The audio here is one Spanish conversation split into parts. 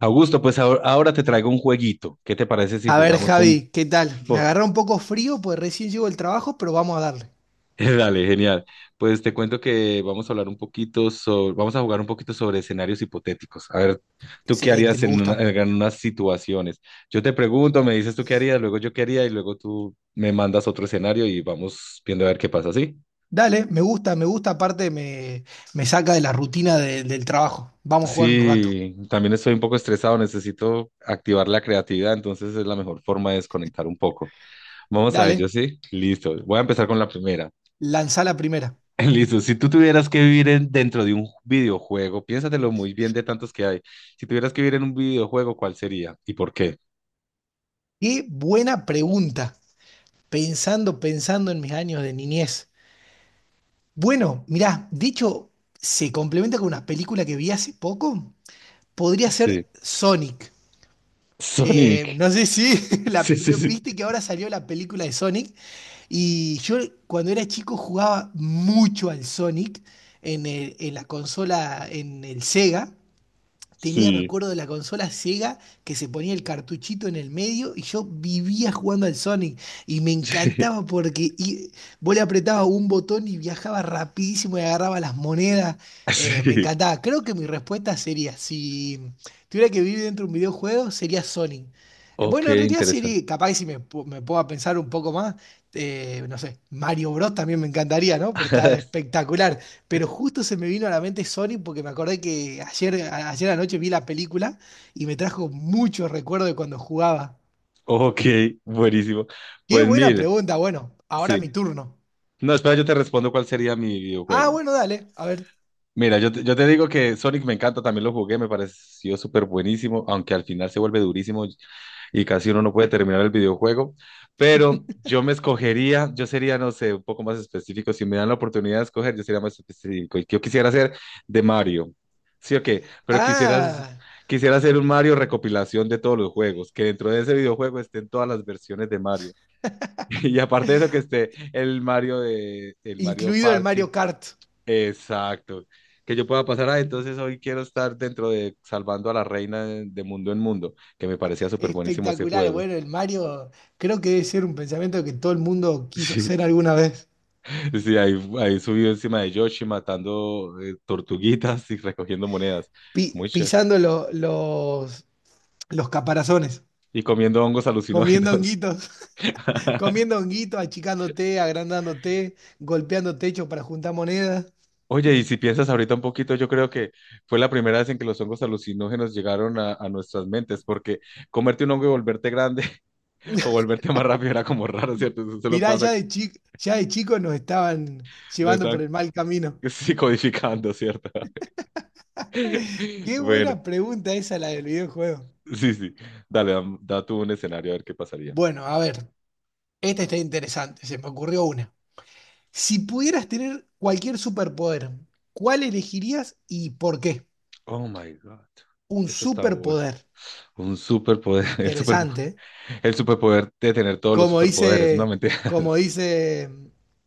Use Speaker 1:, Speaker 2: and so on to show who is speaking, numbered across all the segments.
Speaker 1: Augusto, pues ahora te traigo un jueguito. ¿Qué te parece si
Speaker 2: A ver,
Speaker 1: jugamos un
Speaker 2: Javi, ¿qué tal? Me
Speaker 1: poco?
Speaker 2: agarró un poco frío, pues recién llego del trabajo, pero vamos a darle.
Speaker 1: Dale, genial. Pues te cuento que vamos a jugar un poquito sobre escenarios hipotéticos. A ver, ¿tú qué
Speaker 2: Excelente,
Speaker 1: harías
Speaker 2: me gusta.
Speaker 1: en unas situaciones? Yo te pregunto, me dices tú qué harías, luego yo qué haría y luego tú me mandas otro escenario y vamos viendo a ver qué pasa, ¿sí?
Speaker 2: Dale, me gusta, me gusta, me saca de la rutina del trabajo. Vamos a jugar un rato.
Speaker 1: Sí, también estoy un poco estresado, necesito activar la creatividad, entonces es la mejor forma de desconectar un poco. Vamos a ello,
Speaker 2: Dale,
Speaker 1: ¿sí? Listo. Voy a empezar con la primera.
Speaker 2: lanzá la primera.
Speaker 1: Listo, si tú tuvieras que vivir dentro de un videojuego, piénsatelo muy bien de tantos que hay. Si tuvieras que vivir en un videojuego, ¿cuál sería y por qué?
Speaker 2: Qué buena pregunta, pensando en mis años de niñez. Bueno, mirá, de hecho, se complementa con una película que vi hace poco. Podría
Speaker 1: Sí.
Speaker 2: ser Sonic.
Speaker 1: Sonic.
Speaker 2: No sé si
Speaker 1: Sí, sí,
Speaker 2: ¿no
Speaker 1: sí.
Speaker 2: ¿viste que ahora salió la película de Sonic? Y yo cuando era chico jugaba mucho al Sonic en, en la consola, en el Sega tenía, me
Speaker 1: Sí.
Speaker 2: acuerdo, de la consola Sega que se ponía el cartuchito en el medio y yo vivía jugando al Sonic y me
Speaker 1: Sí.
Speaker 2: encantaba vos le apretabas un botón y viajaba rapidísimo y agarraba las monedas. Me
Speaker 1: Sí.
Speaker 2: encantaba. Creo que mi respuesta sería, si tuviera que vivir dentro de un videojuego, sería Sonic.
Speaker 1: Ok,
Speaker 2: Bueno, en realidad
Speaker 1: interesante.
Speaker 2: sería, capaz que si me, pu- me puedo pensar un poco más, no sé, Mario Bros. También me encantaría, ¿no? Pues está espectacular. Pero justo se me vino a la mente Sonic porque me acordé que ayer anoche vi la película y me trajo mucho recuerdo de cuando jugaba.
Speaker 1: Ok, buenísimo.
Speaker 2: Qué
Speaker 1: Pues
Speaker 2: buena
Speaker 1: mire,
Speaker 2: pregunta. Bueno, ahora
Speaker 1: sí.
Speaker 2: mi turno.
Speaker 1: No, espera, yo te respondo cuál sería mi
Speaker 2: Ah,
Speaker 1: videojuego.
Speaker 2: bueno, dale. A ver.
Speaker 1: Mira, yo te digo que Sonic me encanta, también lo jugué, me pareció súper buenísimo, aunque al final se vuelve durísimo y casi uno no puede terminar el videojuego, pero yo me escogería, yo sería, no sé, un poco más específico, si me dan la oportunidad de escoger, yo sería más específico, y yo quisiera ser de Mario, sí o qué, pero quisiera,
Speaker 2: Ah,
Speaker 1: quisiera hacer un Mario recopilación de todos los juegos, que dentro de ese videojuego estén todas las versiones de Mario, y aparte de eso que esté el Mario
Speaker 2: incluido el
Speaker 1: Party.
Speaker 2: Mario Kart.
Speaker 1: Exacto. Que yo pueda pasar, ah, entonces hoy quiero estar dentro de Salvando a la Reina de, Mundo en Mundo, que me parecía súper buenísimo ese
Speaker 2: Espectacular.
Speaker 1: juego.
Speaker 2: Bueno, el Mario creo que debe ser un pensamiento que todo el mundo quiso ser alguna vez.
Speaker 1: Sí, sí, ahí subido encima de Yoshi matando tortuguitas y recogiendo monedas. Muy chévere.
Speaker 2: Pisando los caparazones,
Speaker 1: Y comiendo hongos
Speaker 2: comiendo
Speaker 1: alucinógenos.
Speaker 2: honguitos, comiendo honguitos, achicándote, agrandándote golpeando techo para juntar monedas.
Speaker 1: Oye, y si piensas ahorita un poquito, yo creo que fue la primera vez en que los hongos alucinógenos llegaron a nuestras mentes, porque comerte un hongo y volverte grande o volverte más rápido era como raro, ¿cierto? Eso se lo
Speaker 2: Mirá,
Speaker 1: pasa,
Speaker 2: ya de chico, ya de chicos nos estaban
Speaker 1: no.
Speaker 2: llevando por el mal camino.
Speaker 1: Sí, codificando, ¿cierto?
Speaker 2: Qué
Speaker 1: Bueno,
Speaker 2: buena pregunta esa la del videojuego.
Speaker 1: sí, sí. Dale, da tú un escenario a ver qué pasaría.
Speaker 2: Bueno, a ver, esta está interesante, se me ocurrió una. Si pudieras tener cualquier superpoder, ¿cuál elegirías y por qué?
Speaker 1: Oh my God.
Speaker 2: Un
Speaker 1: Este está bueno.
Speaker 2: superpoder.
Speaker 1: Un superpoder. El super,
Speaker 2: Interesante, ¿eh?
Speaker 1: el superpoder de tener todos los
Speaker 2: Como
Speaker 1: superpoderes, no
Speaker 2: dice,
Speaker 1: mentiras.
Speaker 2: como dice,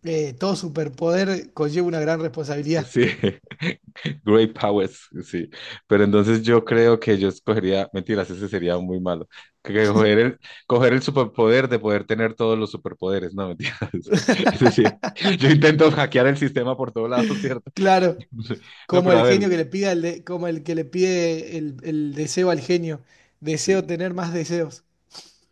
Speaker 2: todo superpoder conlleva una gran responsabilidad.
Speaker 1: Sí, great powers, sí. Pero entonces yo creo que yo escogería, mentiras, ese sería muy malo. Que coger el superpoder de poder tener todos los superpoderes, no mentiras. Es decir, yo intento hackear el sistema por todos lados, ¿cierto?
Speaker 2: Claro.
Speaker 1: No,
Speaker 2: Como
Speaker 1: pero a
Speaker 2: el
Speaker 1: ver,
Speaker 2: genio que le pide como el que le pide el deseo al genio. Deseo
Speaker 1: sí,
Speaker 2: tener más deseos.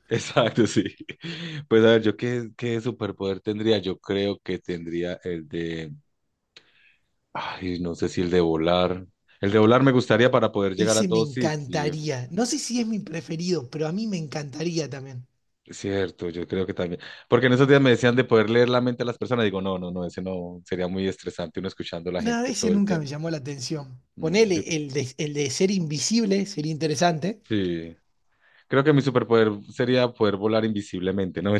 Speaker 1: exacto, sí. Pues a ver, yo qué superpoder tendría. Yo creo que tendría el de, ay, no sé si el de volar. El de volar me gustaría para poder llegar a
Speaker 2: Ese me
Speaker 1: todo sitio.
Speaker 2: encantaría. No sé si es mi preferido, pero a mí me encantaría también.
Speaker 1: Cierto, yo creo que también. Porque en esos días me decían de poder leer la mente a las personas. Digo, no, no, no, ese no sería muy estresante uno escuchando a la
Speaker 2: No,
Speaker 1: gente
Speaker 2: ese
Speaker 1: todo el
Speaker 2: nunca
Speaker 1: tiempo.
Speaker 2: me llamó la atención.
Speaker 1: No, yo
Speaker 2: Ponele el de ser invisible, sería interesante.
Speaker 1: sí. Creo que mi superpoder sería poder volar invisiblemente, ¿no?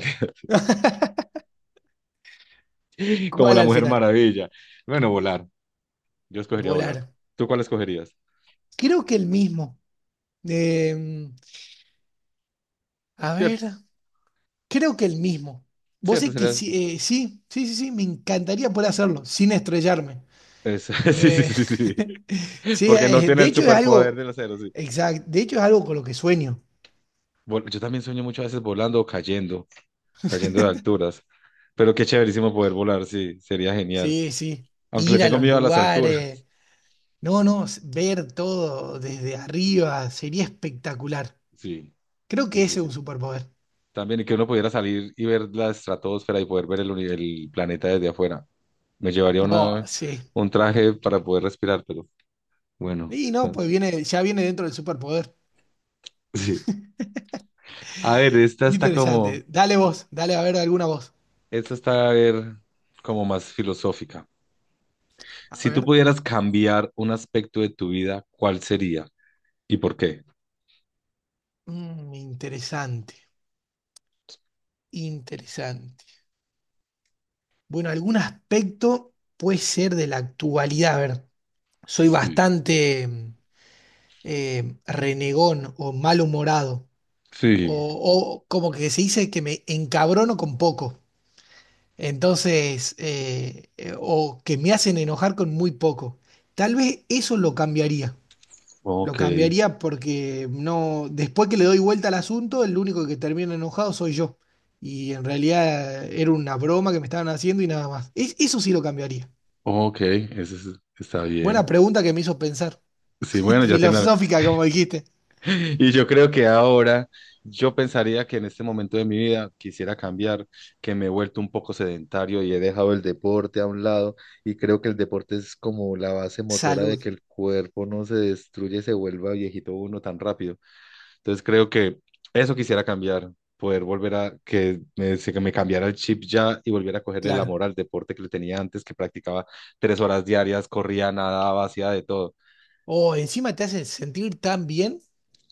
Speaker 1: Como
Speaker 2: ¿Cuál
Speaker 1: la
Speaker 2: al
Speaker 1: Mujer
Speaker 2: final?
Speaker 1: Maravilla. Bueno, volar. Yo escogería volar.
Speaker 2: Volar.
Speaker 1: ¿Tú cuál escogerías?
Speaker 2: Creo que el mismo. Eh, a ver, creo que el mismo.
Speaker 1: Sí,
Speaker 2: Vos
Speaker 1: este
Speaker 2: sé que
Speaker 1: sería,
Speaker 2: sí, sí, me encantaría poder hacerlo sin estrellarme.
Speaker 1: sí, sí, sí,
Speaker 2: Eh,
Speaker 1: sí, sí,
Speaker 2: sí,
Speaker 1: porque no tiene
Speaker 2: de
Speaker 1: el
Speaker 2: hecho es
Speaker 1: superpoder
Speaker 2: algo,
Speaker 1: del acero, sí.
Speaker 2: exacto, de hecho es algo con lo que sueño.
Speaker 1: Yo también sueño muchas veces volando o cayendo de alturas, pero qué chéverísimo poder volar, sí, sería genial.
Speaker 2: Sí,
Speaker 1: Aunque le
Speaker 2: ir a
Speaker 1: tengo
Speaker 2: los
Speaker 1: miedo a las
Speaker 2: lugares,
Speaker 1: alturas.
Speaker 2: no, ver todo desde arriba sería espectacular.
Speaker 1: Sí,
Speaker 2: Creo
Speaker 1: sí,
Speaker 2: que
Speaker 1: sí,
Speaker 2: ese es
Speaker 1: sí.
Speaker 2: un superpoder.
Speaker 1: También y que uno pudiera salir y ver la estratosfera y poder ver el planeta desde afuera. Me llevaría
Speaker 2: Oh,
Speaker 1: una,
Speaker 2: sí.
Speaker 1: un traje para poder respirar, pero bueno,
Speaker 2: Y no,
Speaker 1: bueno,
Speaker 2: pues viene, ya viene dentro del superpoder.
Speaker 1: sí. A ver,
Speaker 2: Interesante. Dale vos, dale a ver alguna voz.
Speaker 1: esta está, a ver, como más filosófica.
Speaker 2: A
Speaker 1: Si tú
Speaker 2: ver.
Speaker 1: pudieras cambiar un aspecto de tu vida, ¿cuál sería y por qué?
Speaker 2: Mm, interesante, interesante. Bueno, algún aspecto puede ser de la actualidad, a ver. Soy
Speaker 1: Sí,
Speaker 2: bastante renegón o malhumorado, o,
Speaker 1: sí,
Speaker 2: o como que se dice que me encabrono con poco, entonces, o que me hacen enojar con muy poco. Tal vez eso lo
Speaker 1: ok,
Speaker 2: cambiaría porque no, después que le doy vuelta al asunto, el único que termina enojado soy yo. Y en realidad era una broma que me estaban haciendo y nada más. Eso sí lo cambiaría.
Speaker 1: ok, eso está bien.
Speaker 2: Buena pregunta que me hizo pensar.
Speaker 1: Sí, bueno, ya tiene algo.
Speaker 2: Filosófica, como dijiste.
Speaker 1: Y yo creo que ahora yo pensaría que en este momento de mi vida quisiera cambiar, que me he vuelto un poco sedentario y he dejado el deporte a un lado. Y creo que el deporte es como la base motora de
Speaker 2: Salud.
Speaker 1: que el cuerpo no se destruye, se vuelva viejito uno tan rápido. Entonces creo que eso quisiera cambiar, poder volver a que que me cambiara el chip ya y volviera a coger el
Speaker 2: Claro.
Speaker 1: amor al deporte que le tenía antes, que practicaba 3 horas diarias, corría, nadaba, hacía de todo.
Speaker 2: O encima te hace sentir tan bien.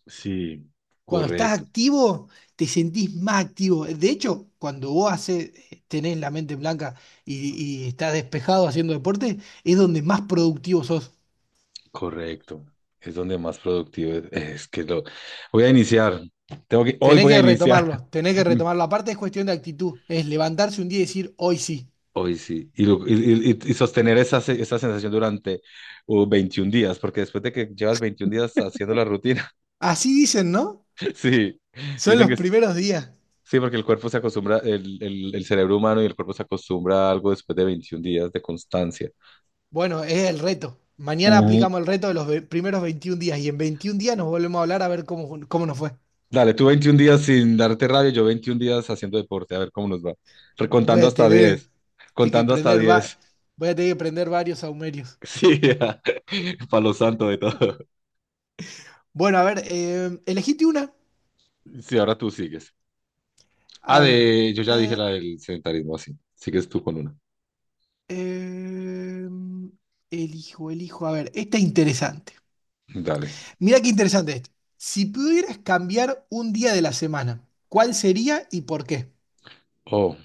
Speaker 1: Sí,
Speaker 2: Cuando estás
Speaker 1: correcto,
Speaker 2: activo, te sentís más activo. De hecho, cuando vos haces, tenés la mente blanca y estás despejado haciendo deporte, es donde más productivo sos.
Speaker 1: correcto. Es donde más productivo es que lo voy a iniciar. Tengo que, hoy
Speaker 2: Tenés
Speaker 1: voy a
Speaker 2: que
Speaker 1: iniciar.
Speaker 2: retomarlo, tenés que retomarlo. Aparte es cuestión de actitud, es levantarse un día y decir, hoy sí.
Speaker 1: Hoy sí, y sostener esa sensación durante 21 días, porque después de que llevas 21 días haciendo la rutina,
Speaker 2: Así dicen, ¿no?
Speaker 1: sí,
Speaker 2: Son
Speaker 1: dicen
Speaker 2: los
Speaker 1: que
Speaker 2: primeros días.
Speaker 1: sí, porque el cuerpo se acostumbra, el cerebro humano y el cuerpo se acostumbra a algo después de 21 días de constancia.
Speaker 2: Bueno, es el reto. Mañana
Speaker 1: Ujú.
Speaker 2: aplicamos el reto de los primeros 21 días y en 21 días nos volvemos a hablar a ver cómo nos fue.
Speaker 1: Dale, tú 21 días sin darte rabia, yo 21 días haciendo deporte, a ver cómo nos va.
Speaker 2: Voy
Speaker 1: Recontando
Speaker 2: a
Speaker 1: hasta
Speaker 2: tener
Speaker 1: 10,
Speaker 2: te- que
Speaker 1: contando hasta
Speaker 2: prender va-
Speaker 1: 10.
Speaker 2: voy a tener que prender varios saumerios.
Speaker 1: Sí, palo santo de todo.
Speaker 2: Bueno, a ver, elegite una.
Speaker 1: Sí, ahora tú sigues. Ah,
Speaker 2: A ver.
Speaker 1: yo ya dije
Speaker 2: eh,
Speaker 1: la del sedentarismo, así. Sigues tú con una.
Speaker 2: eh, elijo. A ver, esta es interesante.
Speaker 1: Dale.
Speaker 2: Mira qué interesante esto. Si pudieras cambiar un día de la semana, ¿cuál sería y por qué?
Speaker 1: Oh,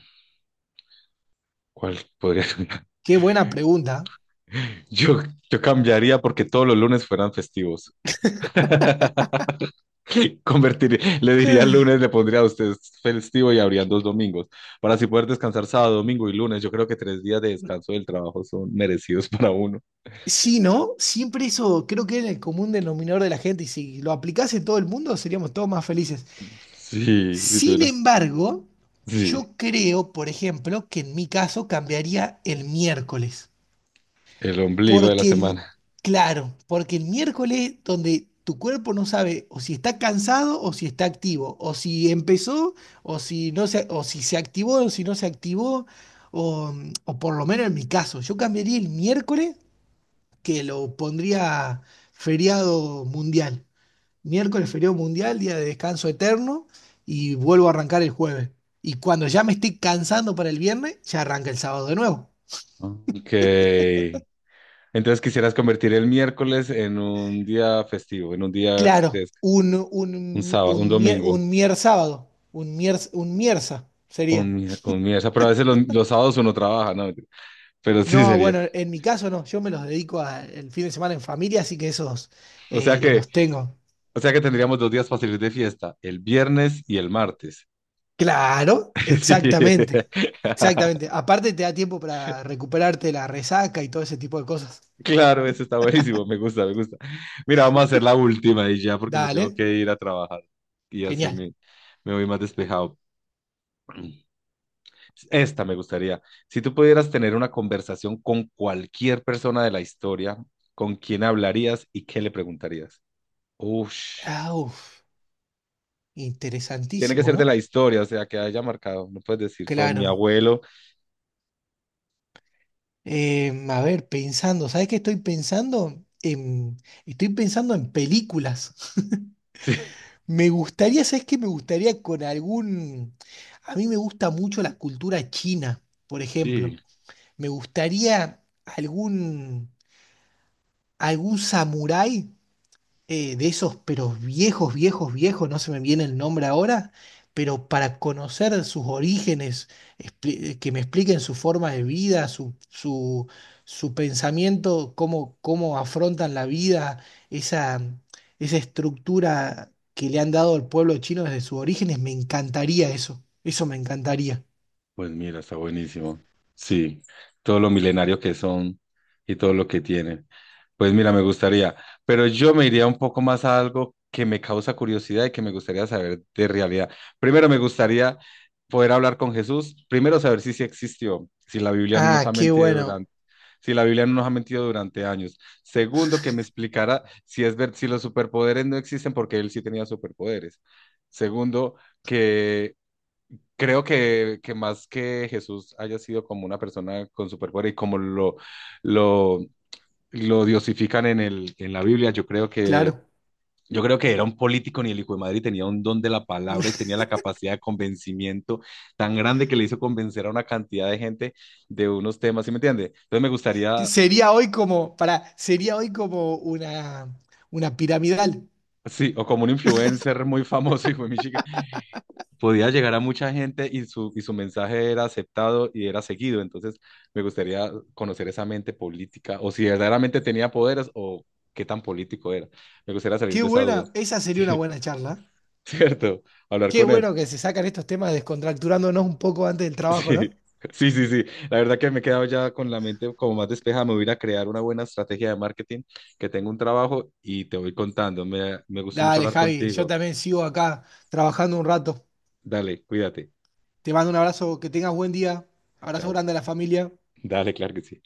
Speaker 1: ¿cuál podría cambiar?
Speaker 2: Qué buena pregunta.
Speaker 1: Yo, yo cambiaría porque todos los lunes fueran festivos. Convertir, le diría
Speaker 2: Eh.
Speaker 1: el lunes, le pondría a usted festivo y habrían dos domingos. Para así poder descansar sábado, domingo y lunes, yo creo que 3 días de descanso del trabajo son merecidos para uno.
Speaker 2: Sí, ¿no? Siempre eso creo que es el común denominador de la gente y si lo aplicase todo el mundo seríamos todos más felices.
Speaker 1: Sí, si
Speaker 2: Sin
Speaker 1: tuviera.
Speaker 2: embargo,
Speaker 1: Sí,
Speaker 2: yo creo, por ejemplo, que en mi caso cambiaría el miércoles.
Speaker 1: el ombligo de la
Speaker 2: Porque el,
Speaker 1: semana.
Speaker 2: claro, porque el miércoles donde tu cuerpo no sabe o si está cansado o si está activo, o si empezó o si se activó o si no se activó, o, o por lo menos en mi caso, yo cambiaría el miércoles que lo pondría feriado mundial, miércoles feriado mundial, día de descanso eterno, y vuelvo a arrancar el jueves. Y cuando ya me estoy cansando para el viernes, ya arranca el sábado de nuevo.
Speaker 1: Ok. Entonces quisieras convertir el miércoles en un día festivo, en un día de
Speaker 2: Claro,
Speaker 1: des- un sábado, un domingo,
Speaker 2: un mier sábado, un mierza sería.
Speaker 1: un miércoles. Pero a veces los sábados uno trabaja, ¿no? Pero sí
Speaker 2: No,
Speaker 1: sería.
Speaker 2: bueno, en mi caso no, yo me los dedico el fin de semana en familia, así que esos
Speaker 1: O sea que
Speaker 2: los tengo.
Speaker 1: Tendríamos 2 días fáciles de fiesta, el viernes y el martes.
Speaker 2: Claro,
Speaker 1: Sí.
Speaker 2: exactamente. Aparte te da tiempo para recuperarte la resaca y todo ese tipo de cosas.
Speaker 1: Claro, eso está buenísimo, me gusta, me gusta. Mira, vamos a hacer la última y ya porque me tengo
Speaker 2: Dale,
Speaker 1: que ir a trabajar y así
Speaker 2: genial.
Speaker 1: me voy más despejado. Esta me gustaría. Si tú pudieras tener una conversación con cualquier persona de la historia, ¿con quién hablarías y qué le preguntarías? Ush,
Speaker 2: Ah, uf.
Speaker 1: tiene que
Speaker 2: Interesantísimo,
Speaker 1: ser de
Speaker 2: ¿no?
Speaker 1: la historia, o sea, que haya marcado. No puedes decir con mi
Speaker 2: Claro.
Speaker 1: abuelo.
Speaker 2: A ver, pensando, ¿sabes qué estoy pensando? Estoy pensando en películas. Me gustaría, ¿sabes qué? Me gustaría con algún... A mí me gusta mucho la cultura china, por
Speaker 1: Sí,
Speaker 2: ejemplo.
Speaker 1: sí.
Speaker 2: Me gustaría algún, algún samurái de esos, pero viejos, viejos, viejos, no se me viene el nombre ahora, pero para conocer sus orígenes, que me expliquen su forma de vida, su pensamiento, cómo afrontan la vida, esa, esa estructura que le han dado al pueblo chino desde sus orígenes, me encantaría eso, eso me encantaría.
Speaker 1: Pues mira, está buenísimo. Sí, todo lo milenario que son y todo lo que tienen. Pues mira, me gustaría, pero yo me iría un poco más a algo que me causa curiosidad y que me gustaría saber de realidad. Primero me gustaría poder hablar con Jesús, primero saber si sí existió,
Speaker 2: Ah, qué bueno,
Speaker 1: si la Biblia no nos ha mentido durante años. Segundo, que me explicara si es ver si los superpoderes no existen porque él sí tenía superpoderes. Segundo, creo que más que Jesús haya sido como una persona con superpoder y como lo, lo diosifican en la Biblia, yo creo que,
Speaker 2: claro.
Speaker 1: yo creo que era un político ni el hijo de madre y tenía un don de la palabra y tenía la capacidad de convencimiento tan grande que le hizo convencer a una cantidad de gente de unos temas, ¿sí me entiende? Entonces me gustaría,
Speaker 2: Sería hoy como una piramidal.
Speaker 1: sí, o como un influencer muy famoso, hijo de mi podía llegar a mucha gente y su mensaje era aceptado y era seguido. Entonces, me gustaría conocer esa mente política o si verdaderamente tenía poderes o qué tan político era. Me gustaría salir
Speaker 2: Qué
Speaker 1: de esa duda.
Speaker 2: buena, esa sería una
Speaker 1: Sí,
Speaker 2: buena charla.
Speaker 1: cierto. Hablar
Speaker 2: Qué
Speaker 1: con él.
Speaker 2: bueno que se sacan estos temas descontracturándonos un poco antes del trabajo,
Speaker 1: Sí.
Speaker 2: ¿no?
Speaker 1: Sí, sí, sí. La verdad que me he quedado ya con la mente como más despejada. Me voy a ir a crear una buena estrategia de marketing, que tengo un trabajo y te voy contando. Me gustó mucho
Speaker 2: Dale,
Speaker 1: hablar
Speaker 2: Javi, yo
Speaker 1: contigo.
Speaker 2: también sigo acá trabajando un rato.
Speaker 1: Dale, cuídate.
Speaker 2: Te mando un abrazo, que tengas buen día. Abrazo
Speaker 1: Chao.
Speaker 2: grande a la familia.
Speaker 1: Dale, claro que sí.